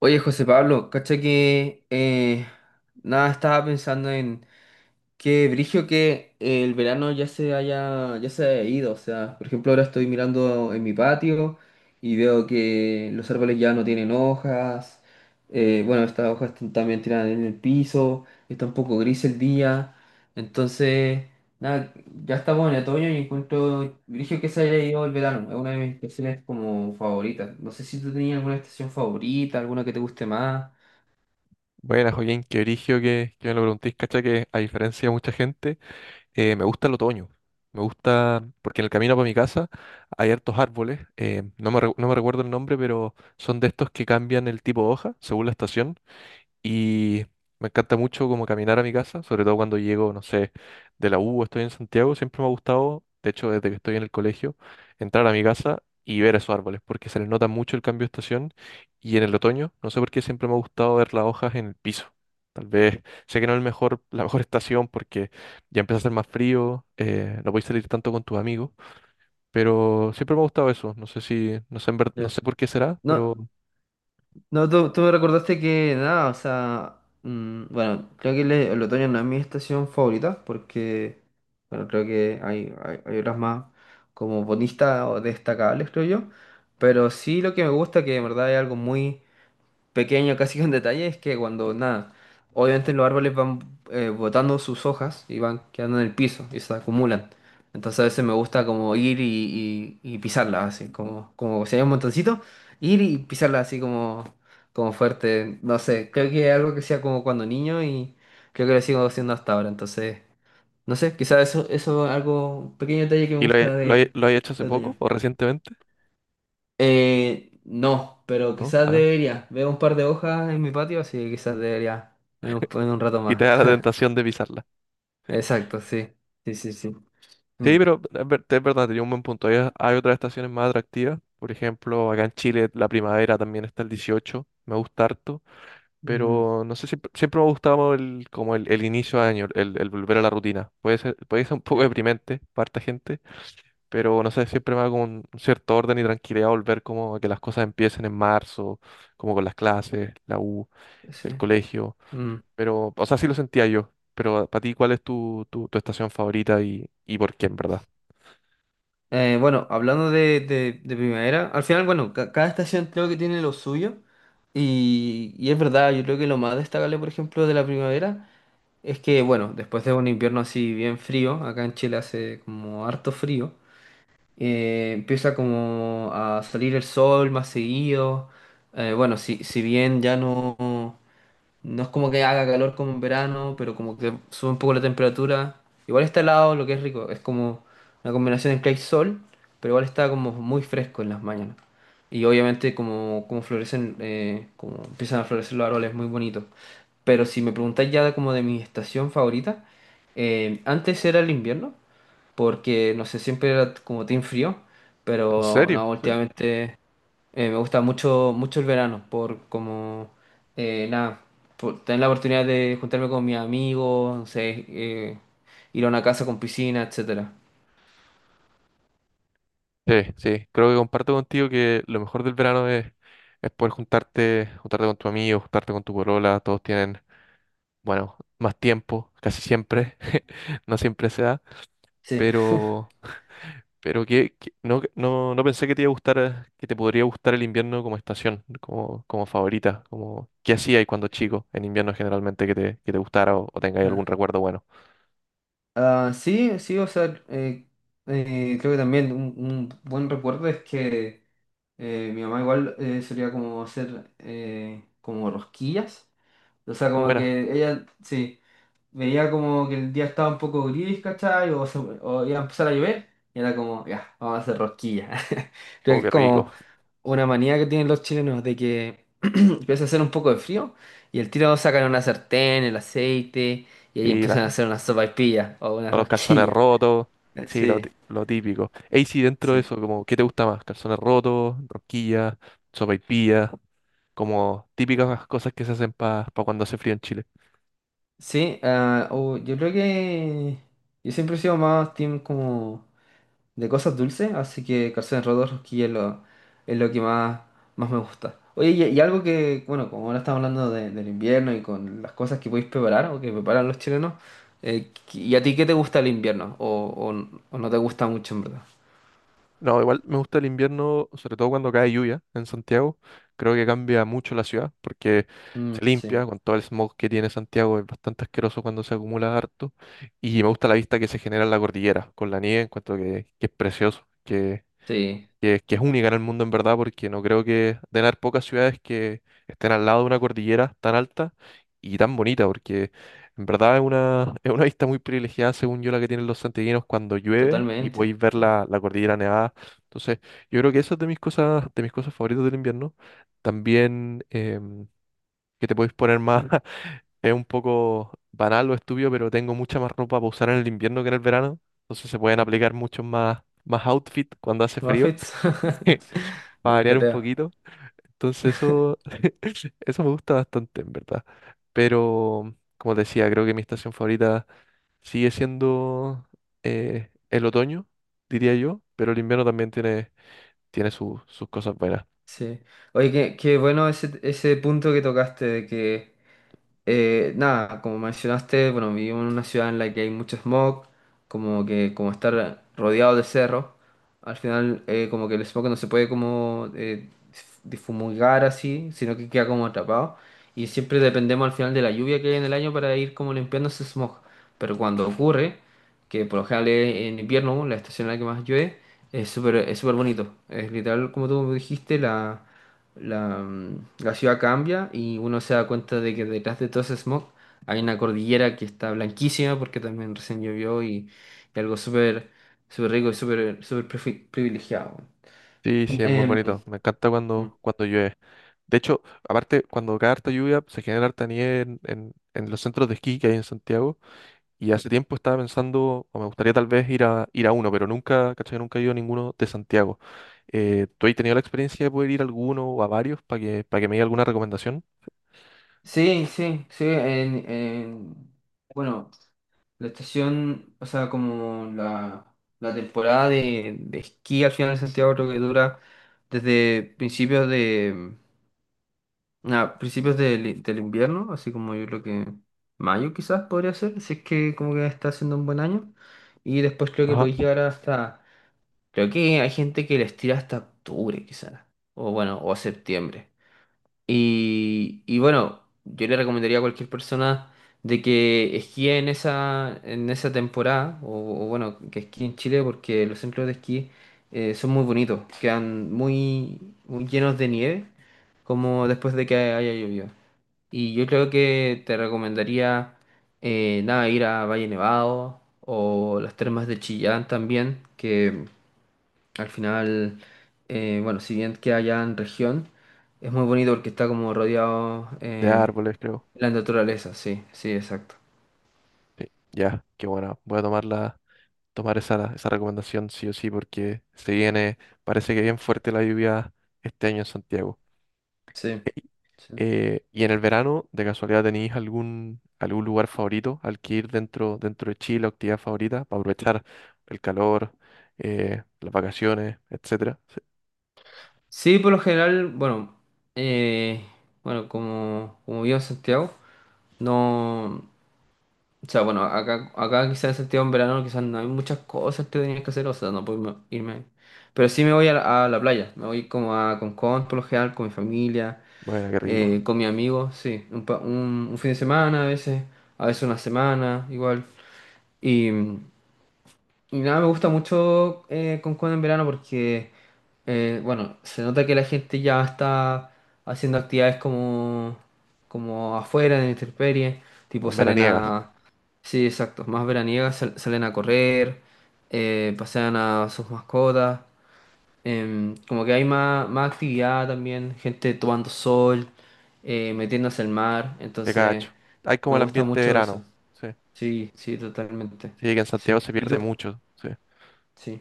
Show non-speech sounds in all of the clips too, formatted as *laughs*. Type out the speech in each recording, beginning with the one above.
Oye, José Pablo, cacha que nada, estaba pensando en, qué brillo que el verano ya se haya ido. O sea, por ejemplo, ahora estoy mirando en mi patio y veo que los árboles ya no tienen hojas. Bueno, estas hojas están también tiradas en el piso. Está un poco gris el día. Entonces, nada, ya estamos en otoño y encuentro brillo que se haya ido el verano. Es una de mis estaciones como favoritas. No sé si tú tenías alguna estación favorita, alguna que te guste más. Bueno, Joaquín, qué origio que me lo preguntéis, cacha que a diferencia de mucha gente, me gusta el otoño. Me gusta, porque en el camino para mi casa hay hartos árboles, no me recuerdo el nombre, pero son de estos que cambian el tipo de hoja según la estación. Y me encanta mucho como caminar a mi casa, sobre todo cuando llego, no sé, de la U, o estoy en Santiago, siempre me ha gustado, de hecho, desde que estoy en el colegio, entrar a mi casa y ver esos árboles, porque se les nota mucho el cambio de estación y en el otoño, no sé por qué siempre me ha gustado ver las hojas en el piso. Tal vez, sé que no es el mejor, *laughs* la mejor estación porque ya empieza a hacer más frío, no podéis salir tanto con tus amigos, pero siempre me ha gustado eso, no sé si, no sé, no Ya. sé por qué será, No. pero... No, tú me recordaste que nada, o sea, mm, bueno, creo que el otoño no es mi estación favorita porque, bueno, creo que hay otras más como bonistas o destacables, creo yo, pero sí lo que me gusta que de verdad es algo muy pequeño, casi un detalle, es que cuando nada, obviamente los árboles van botando sus hojas y van quedando en el piso y se acumulan. Entonces a veces me gusta como ir y pisarlas, así como, como si hay un montoncito, ir y pisarlas así como, como fuerte. No sé, creo que es algo que sea como cuando niño y creo que lo sigo haciendo hasta ahora. Entonces, no sé, quizás eso, eso es algo, un pequeño detalle que me ¿Y lo, he- gusta lo, he- del, lo has hecho hace del otoño. poco o recientemente? No, pero ¿No? quizás Ah. debería. Veo un par de hojas en mi patio, así que quizás debería en un rato Y te más. da la *laughs* tentación de pisarla. Exacto, sí. Sí, sí, sí. Mm. Sí, pero es verdad, tenía un buen punto. Hay otras estaciones más atractivas. Por ejemplo, acá en Chile la primavera también está el 18. Me gusta harto, Mm, pero no sé, siempre, siempre me ha gustado el, como el inicio de año, el volver a la rutina. Puede ser un poco ya, deprimente para harta gente, pero no sé, siempre me da como un cierto orden y tranquilidad volver como a que las cosas empiecen en marzo, como con las clases, la U, sí. el colegio. Mm. Pero, o sea, sí lo sentía yo. Pero para ti, ¿cuál es tu estación favorita y por qué, en verdad? Bueno, hablando de primavera, al final, bueno, cada estación creo que tiene lo suyo. Y es verdad, yo creo que lo más destacable, por ejemplo, de la primavera es que, bueno, después de un invierno así bien frío, acá en Chile hace como harto frío. Empieza como a salir el sol más seguido. Bueno, si, si bien ya no, no es como que haga calor como en verano, pero como que sube un poco la temperatura. Igual está helado, lo que es rico. Es como una combinación entre el sol, pero igual está como muy fresco en las mañanas. Y obviamente como, como florecen, como empiezan a florecer los árboles, muy bonito. Pero si me preguntáis ya como de mi estación favorita, antes era el invierno, porque no sé, siempre era como team frío, ¿En pero serio? no, Sí. últimamente me gusta mucho, mucho el verano, por como, nada, por tener la oportunidad de juntarme con mis amigos, no sé, ir a una casa con piscina, etcétera. Sí, sí, creo que comparto contigo que lo mejor del verano es poder juntarte, juntarte con tu amigo, juntarte con tu polola, todos tienen, bueno, más tiempo, casi siempre, *laughs* no siempre se da, Sí. pero, pero que- no, no, no pensé que te iba a gustar, que te podría gustar el invierno como estación, como, como favorita, como qué hacías cuando chico en invierno generalmente que te gustara o tengáis Ah, algún recuerdo bueno. ah, sí, sí, o sea, creo que también un buen recuerdo es que mi mamá igual solía como hacer como rosquillas. O sea, como Buenas, que ella, sí veía como que el día estaba un poco gris, ¿cachai? O, o iba a empezar a llover, y era como, ya, vamos a hacer rosquillas. *laughs* Creo que oh, es qué rico. como una manía que tienen los chilenos de que *clears throat* empieza a hacer un poco de frío y el tiro sacan una sartén, el aceite, y ahí Y empiezan a la- hacer una sopaipilla o una los calzones rosquilla. *laughs* rotos, sí, Sí, lo típico. Ey, sí, dentro de sí. eso, como, ¿qué te gusta más? Calzones rotos, rosquillas, sopaipillas, como típicas cosas que se hacen para cuando hace frío en Chile. Sí, ah, o yo creo que yo siempre he sido más team como de cosas dulces, así que calzones rotos, rosquillas es lo que más, más me gusta. Oye, y algo que, bueno, como ahora estamos hablando de- del invierno y con las cosas que podéis preparar o que preparan los chilenos, ¿y a ti qué te gusta el invierno? O no te gusta mucho, en verdad? No, igual me gusta el invierno, sobre todo cuando cae lluvia en Santiago. Creo que cambia mucho la ciudad porque Mm, se sí, limpia con todo el smog que tiene Santiago, es bastante asqueroso cuando se acumula harto. Y me gusta la vista que se genera en la cordillera con la nieve, encuentro que es precioso. sí, Que es única en el mundo en verdad, porque no creo que den haber pocas ciudades que estén al lado de una cordillera tan alta y tan bonita, porque en verdad es una vista muy privilegiada, según yo, la que tienen los santiaguinos cuando llueve y totalmente. podéis ver Sí. la, la cordillera nevada. Entonces, yo creo que eso es de mis cosas favoritas del invierno. También que te podéis poner más, *laughs* es un poco banal o estúpido, pero tengo mucha más ropa para usar en el invierno que en el verano. Entonces se pueden aplicar muchos más, más outfit cuando hace frío. Muffets. *laughs* *laughs* Para No te variar un creo. poquito. Entonces eso, *laughs* eso me gusta bastante, en verdad. Pero, como te decía, creo que mi estación favorita sigue siendo el otoño, diría yo, pero el invierno también tiene, sus cosas buenas. Sí. Oye, qué, qué bueno ese punto que tocaste de que nada, como mencionaste, bueno, vivimos en una ciudad en la que hay mucho smog, como que como estar rodeado de cerros al final como que el smog no se puede como difumigar así, sino que queda como atrapado. Y siempre dependemos al final de la lluvia que hay en el año para ir como limpiando ese smog. Pero cuando ocurre, que por lo general es en invierno, la estación en la que más llueve, es súper bonito. Es literal, como tú dijiste, la la, la ciudad cambia y uno se da cuenta de que detrás de todo ese smog hay una cordillera que está blanquísima porque también recién llovió y algo súper súper rico y súper súper privilegiado. Sí, sí, es muy Em, bonito. Me encanta cuando, cuando llueve. De hecho, aparte, cuando cae harta lluvia, se genera harta nieve en, en los centros de esquí que hay en Santiago. Y hace tiempo estaba pensando, o me gustaría tal vez ir a, ir a uno, pero nunca, ¿cachai? Nunca he ido a ninguno de Santiago. ¿Tú has tenido la experiencia de poder ir a alguno o a varios para que me diga alguna recomendación? sí, sí, sí. Bueno, la estación, o sea, como la temporada de esquí al final de Santiago creo que dura desde principios de a principios del, del invierno, así como yo creo que mayo quizás podría ser, si es que como que está haciendo un buen año. Y después creo que Ajá. podéis llegar hasta, creo que hay gente que les tira hasta octubre quizás, o bueno, o septiembre. Y bueno, yo le recomendaría a cualquier persona de que esquíe en esa temporada, o bueno, que esquíe en Chile porque los centros de esquí son muy bonitos, quedan muy, muy llenos de nieve, como después de que haya llovido. Y yo creo que te recomendaría nada, ir a Valle Nevado o las termas de Chillán también, que al final, bueno, si bien queda allá en región, es muy bonito porque está como rodeado De árboles, creo. de la naturaleza, sí, sí, exacto. Sí, ya, qué bueno. Voy a tomar la, tomar esa, esa recomendación sí o sí, porque se viene, parece que bien fuerte la lluvia este año en Santiago. Sí, sí. Y en el verano, de casualidad, ¿tenéis algún, algún lugar favorito al que ir dentro, dentro de Chile, o actividad favorita, para aprovechar el calor, las vacaciones, etcétera? Sí. Sí, por lo general, bueno, eh, bueno, como, como vivo en Santiago, no. O sea, bueno, acá, acá quizás en Santiago en verano quizás no hay muchas cosas que tenías que hacer, o sea, no puedo irme. Pero sí me voy a la playa, me voy como a Concón por lo general, con mi familia, Bueno, qué rico. con mis amigos, sí, un, un fin de semana a veces una semana, igual. Y, y nada, me gusta mucho Concón en verano porque, bueno, se nota que la gente ya está haciendo actividades como, como afuera, en la intemperie, tipo Como salen veraniegas, a... Sí, exacto, más veraniegas, salen a correr, pasean a sus mascotas, em, como que hay más, más actividad también, gente tomando sol, metiéndose al mar, de entonces cacho. Hay como me el gusta ambiente de mucho verano. eso. Sí. Sí, sí, totalmente. Sí, que en Sí. Santiago se ¿Y pierde tú? mucho. Sí. Sí.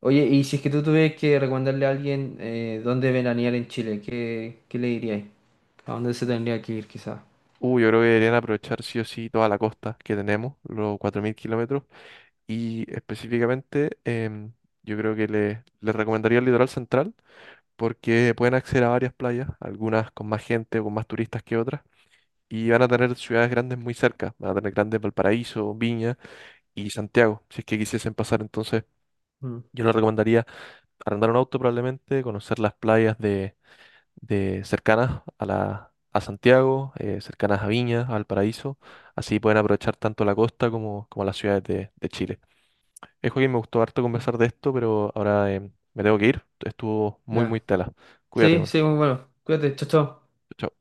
Oye, y si es que tú tuvieras que recomendarle a alguien dónde veranear en Chile, ¿qué, qué le dirías? ¿A dónde se tendría que ir quizás? Yo creo que deberían aprovechar sí o sí toda la costa que tenemos, los 4.000 kilómetros. Y específicamente, yo creo que le recomendaría el litoral central porque pueden acceder a varias playas, algunas con más gente o con más turistas que otras, y van a tener ciudades grandes muy cerca, van a tener grandes Valparaíso, Viña y Santiago, si es que quisiesen pasar. Entonces, Mm, yo les recomendaría arrendar un auto probablemente, conocer las playas de cercanas a la... a Santiago, cercanas a Viña, a Valparaíso, así pueden aprovechar tanto la costa como, como las ciudades de Chile. Es Joaquín, me gustó harto conversar de esto, pero ahora me tengo que ir. Estuvo muy, muy ya. tela. Cuídate, Sí, bueno. sí, muy bueno. Cuídate, chao, chao. Chao.